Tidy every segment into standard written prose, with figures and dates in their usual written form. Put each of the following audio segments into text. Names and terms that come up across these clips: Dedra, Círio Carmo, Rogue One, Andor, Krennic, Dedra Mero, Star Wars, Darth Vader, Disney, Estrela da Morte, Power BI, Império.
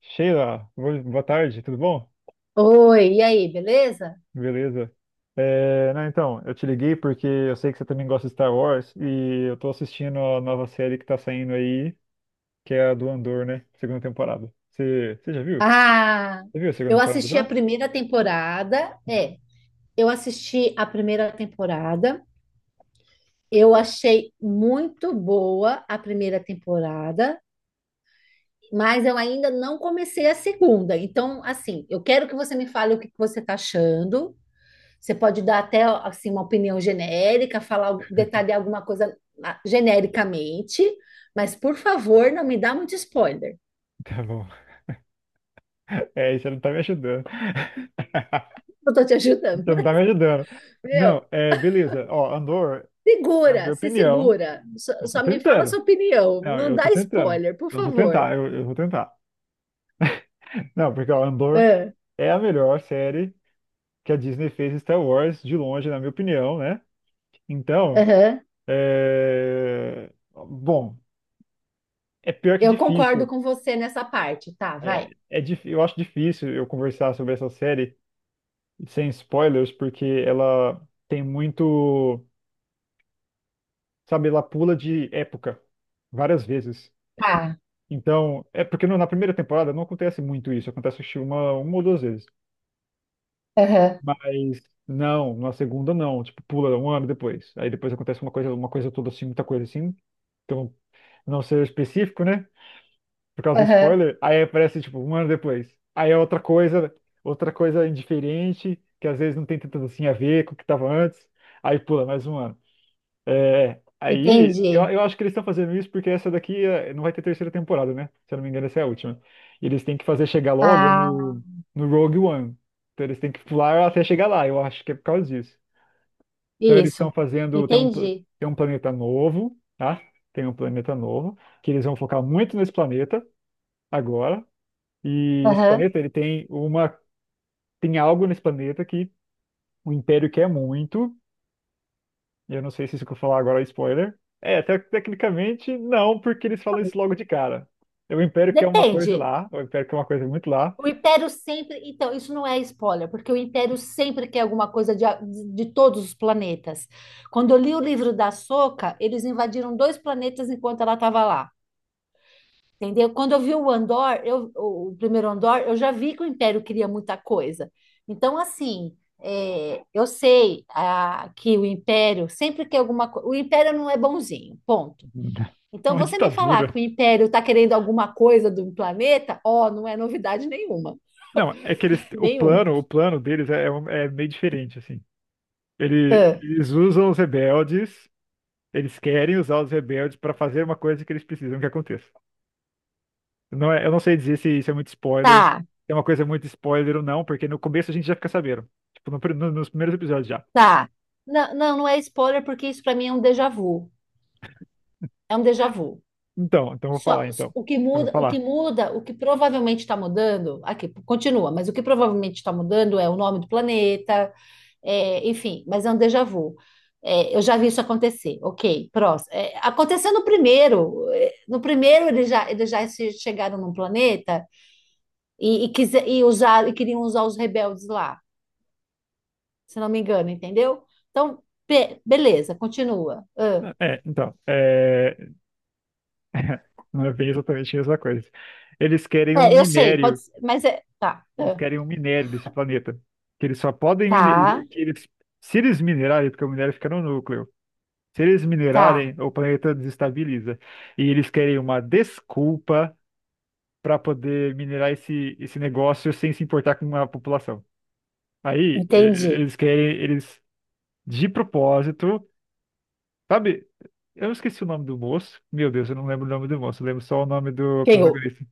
Sheila, boa tarde, tudo bom? Oi, e aí, beleza? Beleza. É, não, então, eu te liguei porque eu sei que você também gosta de Star Wars e eu tô assistindo a nova série que tá saindo aí, que é a do Andor, né? Segunda temporada. Você já viu? Ah, Você viu a segunda eu temporada assisti já? a primeira temporada. Uhum. Eu assisti a primeira temporada. Eu achei muito boa a primeira temporada, mas eu ainda não comecei a segunda. Então, assim, eu quero que você me fale o que que você está achando. Você pode dar até assim uma opinião genérica, falar, detalhar alguma coisa, genericamente, mas por favor, não me dá muito spoiler. Tá bom. É, isso não tá me ajudando. Eu tô te ajudando. Você não tá me ajudando. Meu. Não, é, beleza. Ó, Andor, na Segura, minha se opinião, segura. Só, eu tô só me fala a tentando. sua opinião. Não, Não eu tô dá tentando. spoiler, por Eu vou favor. tentar, eu vou tentar. Não, porque ó, Andor Ah, é a melhor série que a Disney fez em Star Wars, de longe, na minha opinião, né? Então, aham. é... bom, é pior que Eu concordo difícil. com você nessa parte. Tá, vai. Eu acho difícil eu conversar sobre essa série sem spoilers, porque ela tem muito, sabe, ela pula de época várias vezes. Ah, Então, é porque na primeira temporada não acontece muito isso, acontece acho que uma ou duas vezes. aham, Mas não, na segunda não, tipo, pula um ano depois. Aí depois acontece uma coisa toda assim, muita coisa assim, então não, ser específico, né? Por causa do aham. spoiler. Aí aparece, tipo, um ano depois. Aí é outra coisa indiferente, que às vezes não tem tanto assim a ver com o que tava antes. Aí pula mais um ano. É, aí, Entendi. eu acho que eles estão fazendo isso porque essa daqui é, não vai ter terceira temporada, né? Se eu não me engano, essa é a última. E eles têm que fazer chegar logo Ah, no Rogue One. Então eles têm que pular até chegar lá, eu acho que é por causa disso. Então eles isso. estão fazendo, Entendi. tem um planeta novo, tá? Tem um planeta novo, que eles vão focar muito nesse planeta agora. E esse Aham. planeta, ele tem uma, tem algo nesse planeta que o Império quer muito. Eu não sei se isso que eu falar agora é spoiler. É, tecnicamente não, porque eles falam isso logo de cara. O Império quer uma coisa Depende. lá, o Império quer uma coisa muito lá. O Império sempre. Então, isso não é spoiler, porque o Império sempre quer alguma coisa de, de todos os planetas. Quando eu li o livro da Soca, eles invadiram dois planetas enquanto ela estava lá. Entendeu? Quando eu vi o Andor, o primeiro Andor, eu já vi que o Império queria muita coisa. Então, assim, é, eu sei, que o Império, sempre que alguma coisa. O Império não é bonzinho, ponto. Então, Uma você me falar ditadura. que o Império está querendo alguma coisa do planeta, ó, não é novidade nenhuma. Não, é que eles, Nenhum. O plano deles é, é meio diferente, assim. Ah, Eles usam os rebeldes. Eles querem usar os rebeldes para fazer uma coisa que eles precisam que aconteça. Não é, eu não sei dizer se isso é muito spoiler, tá, se é uma coisa muito spoiler ou não, porque no começo a gente já fica sabendo. Tipo, nos primeiros episódios já. tá. Não, não, não é spoiler, porque isso para mim é um déjà vu. É um déjà vu. Então, então eu vou falar, Só, então. o que Então eu vou muda, o que falar. muda, o que provavelmente está mudando, aqui continua, mas o que provavelmente está mudando é o nome do planeta, é, enfim, mas é um déjà vu. É, eu já vi isso acontecer, ok, próximo. É, aconteceu no primeiro, é, no primeiro eles já, chegaram num planeta e, e usar, e queriam usar os rebeldes lá, se não me engano, entendeu? Então, beleza, continua. É, então, é... não é bem exatamente a mesma coisa. Eles querem um É, eu sei, pode minério, ser, mas eles é, querem um minério desse planeta, que eles tá, se eles minerarem, porque o minério fica no núcleo. Se eles tá, minerarem, o planeta desestabiliza. E eles querem uma desculpa para poder minerar esse negócio sem se importar com a população. Aí, entendi. eles querem, eles, de propósito, sabe? Eu esqueci o nome do moço. Meu Deus, eu não lembro o nome do moço, eu lembro só o nome do Quem? protagonista.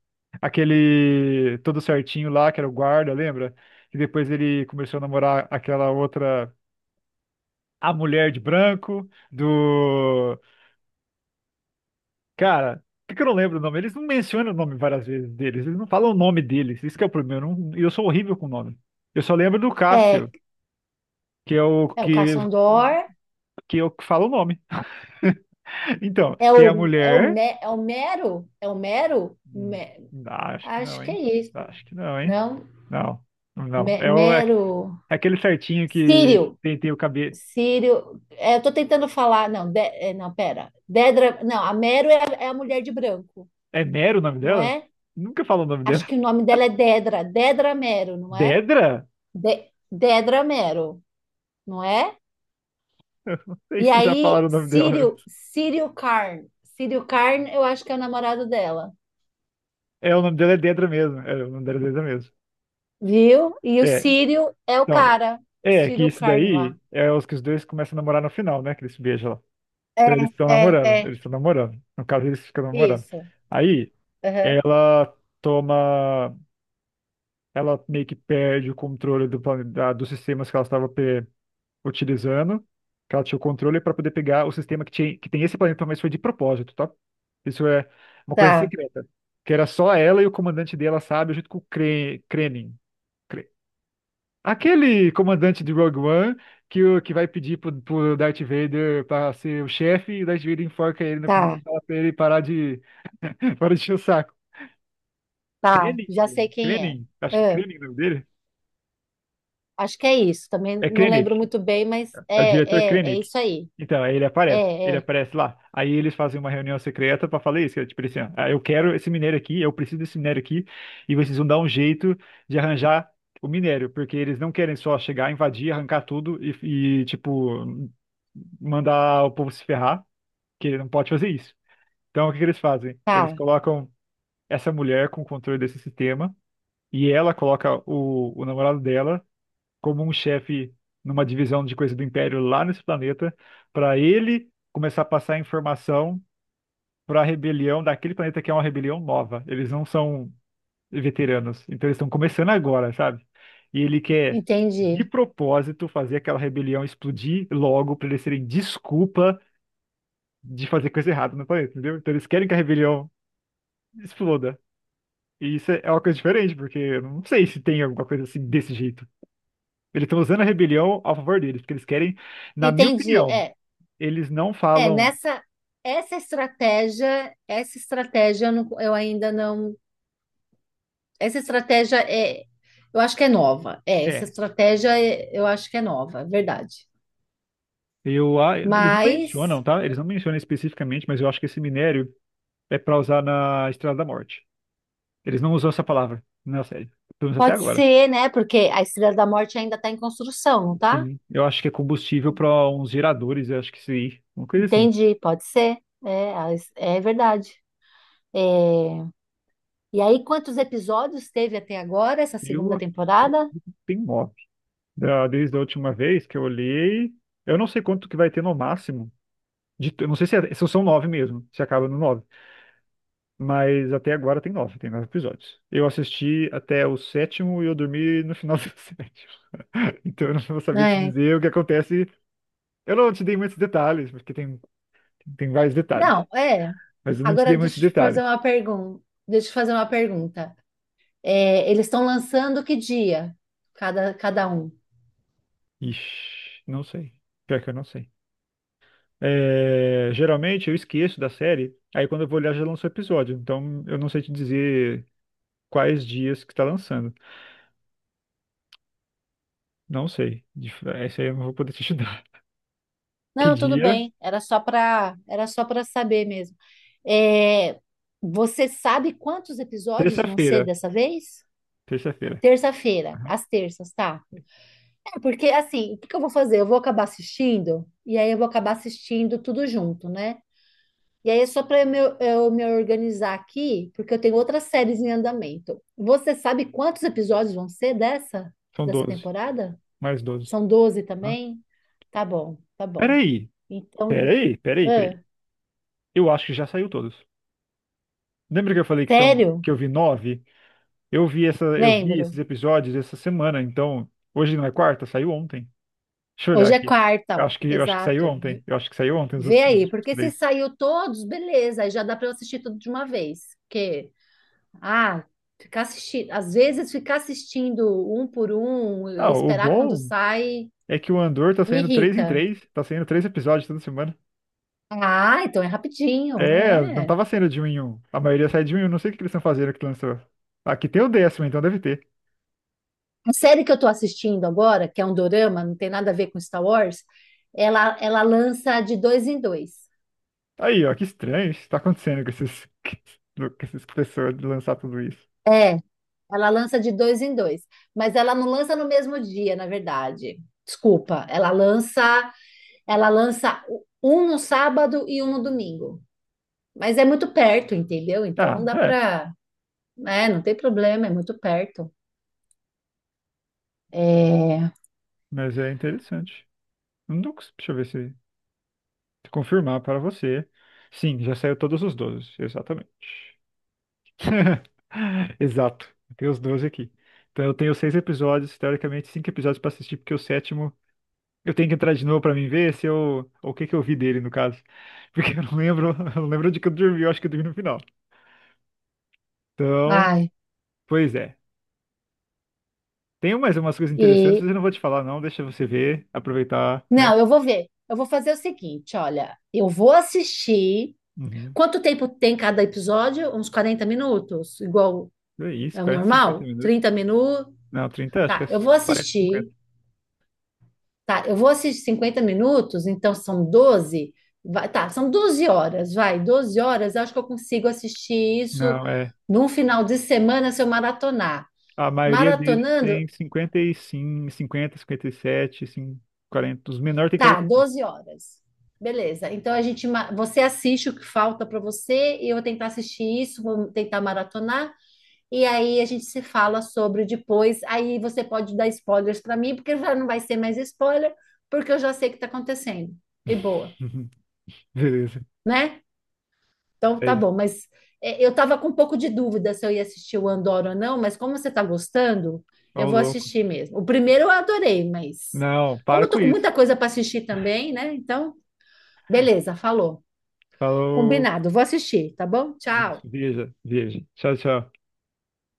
Aquele todo certinho lá, que era o guarda, lembra? E depois ele começou a namorar aquela outra, a mulher de branco, do. Cara, por que que eu não lembro o nome? Eles não mencionam o nome várias vezes deles, eles não falam o nome deles, isso que é o problema. Eu, não- eu sou horrível com nome. Eu só lembro do É, Cássio, que é o é o que, Caçandor. que eu que falo o nome. Então, É tem a o, é o, mulher. É o Mero, Hum, Acho que não, acho que é hein? isso, Acho que não, hein? não? Não, não. É, o, é Mero, é aquele certinho que Círio, tem, tem o cabelo. Círio, é, eu tô tentando falar, não, é, não, pera, Dedra, não, a Mero é, a é a mulher de branco, É Nero o nome não dela? é? Nunca falo o nome Acho dela. que o nome dela é Dedra, Dedra Mero, não é? Dedra? Dedra Mero, não é? Eu não sei E se já aí, falaram o nome dela. Círio, Círio Carn, Círio Carn, eu acho que é o namorado dela. É, o nome dela é Dedra mesmo. É, o nome dela é Dedra mesmo. Viu? E o É, Círio é o então, cara. é que Círio isso Carmo lá. daí é os que os dois começam a namorar no final, né? Que eles se beijam lá. É, Então eles estão é, namorando, é. eles estão namorando. No caso, eles ficam namorando. Isso. Aí Aham. ela toma, ela meio que perde o controle dos sistemas que ela estava utilizando, que ela tinha o controle para poder pegar o sistema que, tinha, que tem esse planeta, mas foi de propósito, tá? Isso é uma coisa Tá, secreta, que era só ela e o comandante dela, sabe, junto com o Krenin. Aquele comandante de Rogue One que, que vai pedir pro Darth Vader para ser o chefe e o Darth Vader enforca ele no final e tá, fala pra ele parar de, parar de encher o saco. tá. Krennic? Já sei quem é. Krennic? Acho que É, Krennic é o nome dele. acho que é isso. Também É não Krennic. lembro muito bem, mas É o diretor é, é, é Krennic. isso aí. Então, aí ele aparece. Ele É, é. aparece lá. Aí eles fazem uma reunião secreta pra falar isso, que é tipo assim, ó, ah, eu quero esse minério aqui, eu preciso desse minério aqui, e vocês vão dar um jeito de arranjar o minério, porque eles não querem só chegar, invadir, arrancar tudo tipo, mandar o povo se ferrar, que ele não pode fazer isso. Então, o que que eles fazem? Eles Tá. colocam essa mulher com o controle desse sistema, e ela coloca o namorado dela como um chefe numa divisão de coisa do Império lá nesse planeta, para ele começar a passar informação para a rebelião daquele planeta que é uma rebelião nova. Eles não são veteranos, então eles estão começando agora, sabe? E ele quer de Entendi. propósito fazer aquela rebelião explodir logo para eles terem desculpa de fazer coisa errada no planeta, entendeu? Então eles querem que a rebelião exploda. E isso é uma coisa diferente, porque eu não sei se tem alguma coisa assim desse jeito. Eles estão usando a rebelião a favor deles, porque eles querem, na minha Entendi. opinião, É, eles não é. falam. Nessa, essa estratégia eu, eu ainda não. Essa estratégia é. Eu acho que é nova. É, É, eu acho que é nova, é verdade. Eles não mencionam, Mas tá? Eles não mencionam especificamente, mas eu acho que esse minério é para usar na Estrela da Morte. Eles não usam essa palavra na série, pelo menos até pode agora. ser, né? Porque a Estrela da Morte ainda está em construção, não tá? Sim, eu acho que é combustível para uns geradores, eu acho que sim, uma coisa assim. Entendi, pode ser. É, é verdade. É, e aí, quantos episódios teve até agora essa Eu segunda temporada? tenho mob. Desde a última vez que eu olhei, eu não sei quanto que vai ter no máximo. De, eu não sei se, se são nove mesmo, se acaba no nove. Mas até agora tem nove episódios. Eu assisti até o sétimo e eu dormi no final do sétimo. Então eu não vou saber te É. dizer o que acontece. Eu não te dei muitos detalhes, porque tem vários detalhes. Não, é. Mas eu não te dei Agora deixa muitos eu te fazer detalhes. uma pergunta. Deixa eu te fazer uma pergunta. É, eles estão lançando que dia? Cada, cada um. Ixi, não sei. Pior que eu não sei. É, geralmente eu esqueço da série, aí quando eu vou olhar já lançou o episódio. Então eu não sei te dizer quais dias que está lançando. Não sei. De- essa aí eu não vou poder te ajudar. Que Não, tudo dia? bem. Era só para saber mesmo. É, você sabe quantos episódios vão ser Terça-feira. dessa vez? Terça-feira. Terça-feira, às terças, tá? É, porque assim, o que que eu vou fazer? Eu vou acabar assistindo e aí eu vou acabar assistindo tudo junto, né? E aí é só para eu, eu me organizar aqui, porque eu tenho outras séries em andamento. Você sabe quantos episódios vão ser dessa São 12. temporada? Mais 12. São 12 Aham. também? Tá bom, tá bom. Peraí, Então, peraí, peraí, peraí. Eu acho que já saiu todos. Lembra que eu falei que são sério? que eu vi nove? Eu vi Lembro. esses episódios essa semana, então hoje não é quarta, saiu ontem. Deixa eu olhar Hoje é aqui. quarta, Eu ó. acho que eu acho que saiu Exato. ontem. Eu acho que saiu ontem Vê os aí, últimos porque se três. saiu todos, beleza, aí já dá para eu assistir tudo de uma vez. Porque, ah, ficar assistindo, às vezes ficar assistindo um por um, eu Ah, o esperar quando bom sai, é que o Andor tá me saindo três em irrita. três, tá saindo três episódios toda semana. Ah, então é rapidinho, É, não é. tava saindo de um em um. A maioria sai de um em um. Não sei o que eles estão fazendo que lançou. Aqui tem o décimo, então deve ter. A série que eu tô assistindo agora, que é um dorama, não tem nada a ver com Star Wars, ela lança de dois em dois. Aí, ó, que estranho isso tá acontecendo com esses, com essas pessoas de lançar tudo isso. É. Ela lança de dois em dois, mas ela não lança no mesmo dia, na verdade. Desculpa, ela lança um no sábado e um no domingo. Mas é muito perto, entendeu? Então Ah, dá é, para, é, não tem problema, é muito perto. É, mas é interessante. Não tô cons- deixa eu ver se confirmar para você. Sim, já saiu todos os 12, exatamente. Exato, eu tenho os 12 aqui. Então eu tenho seis episódios, teoricamente cinco episódios para assistir, porque o sétimo eu tenho que entrar de novo para mim ver se eu, o que que eu vi dele no caso, porque eu não lembro, eu não lembro de que eu dormi, eu acho que eu dormi no final. Então, ai, pois é. Tem mais umas coisas interessantes, e mas eu não vou te falar, não. Deixa você ver, aproveitar, né? não, eu vou ver. Eu vou fazer o seguinte, olha, eu vou assistir. Uhum. Quanto tempo tem cada episódio? Uns 40 minutos, igual É isso, é o quarenta cinquenta normal? minutos. 30 minutos. Não, 30. Acho que Tá, é eu vou 40, 50. assistir. Tá, eu vou assistir 50 minutos, então são 12. Vai, tá, são 12 horas, vai, 12 horas. Acho que eu consigo assistir isso Não, é. num final de semana se eu maratonar. A maioria deles Maratonando, tem 50, 55, 50, 57, sim, 40. Os menores têm tá, 45. 12 horas. Beleza. Então a gente, você assiste o que falta para você, e eu vou tentar assistir isso, vou tentar maratonar, e aí a gente se fala sobre depois. Aí você pode dar spoilers para mim, porque já não vai ser mais spoiler, porque eu já sei o que está acontecendo. E boa, Uhum. Beleza, né? Então, é tá isso. bom, mas é, eu estava com um pouco de dúvida se eu ia assistir o Andor ou não, mas como você está gostando, eu Ô, vou louco. assistir mesmo. O primeiro eu adorei, mas Não, como para eu com tô com isso. muita coisa para assistir também, né? Então, beleza, falou. Falou. Combinado, vou assistir, tá bom? Tchau. Isso, veja, veja. Tchau, tchau.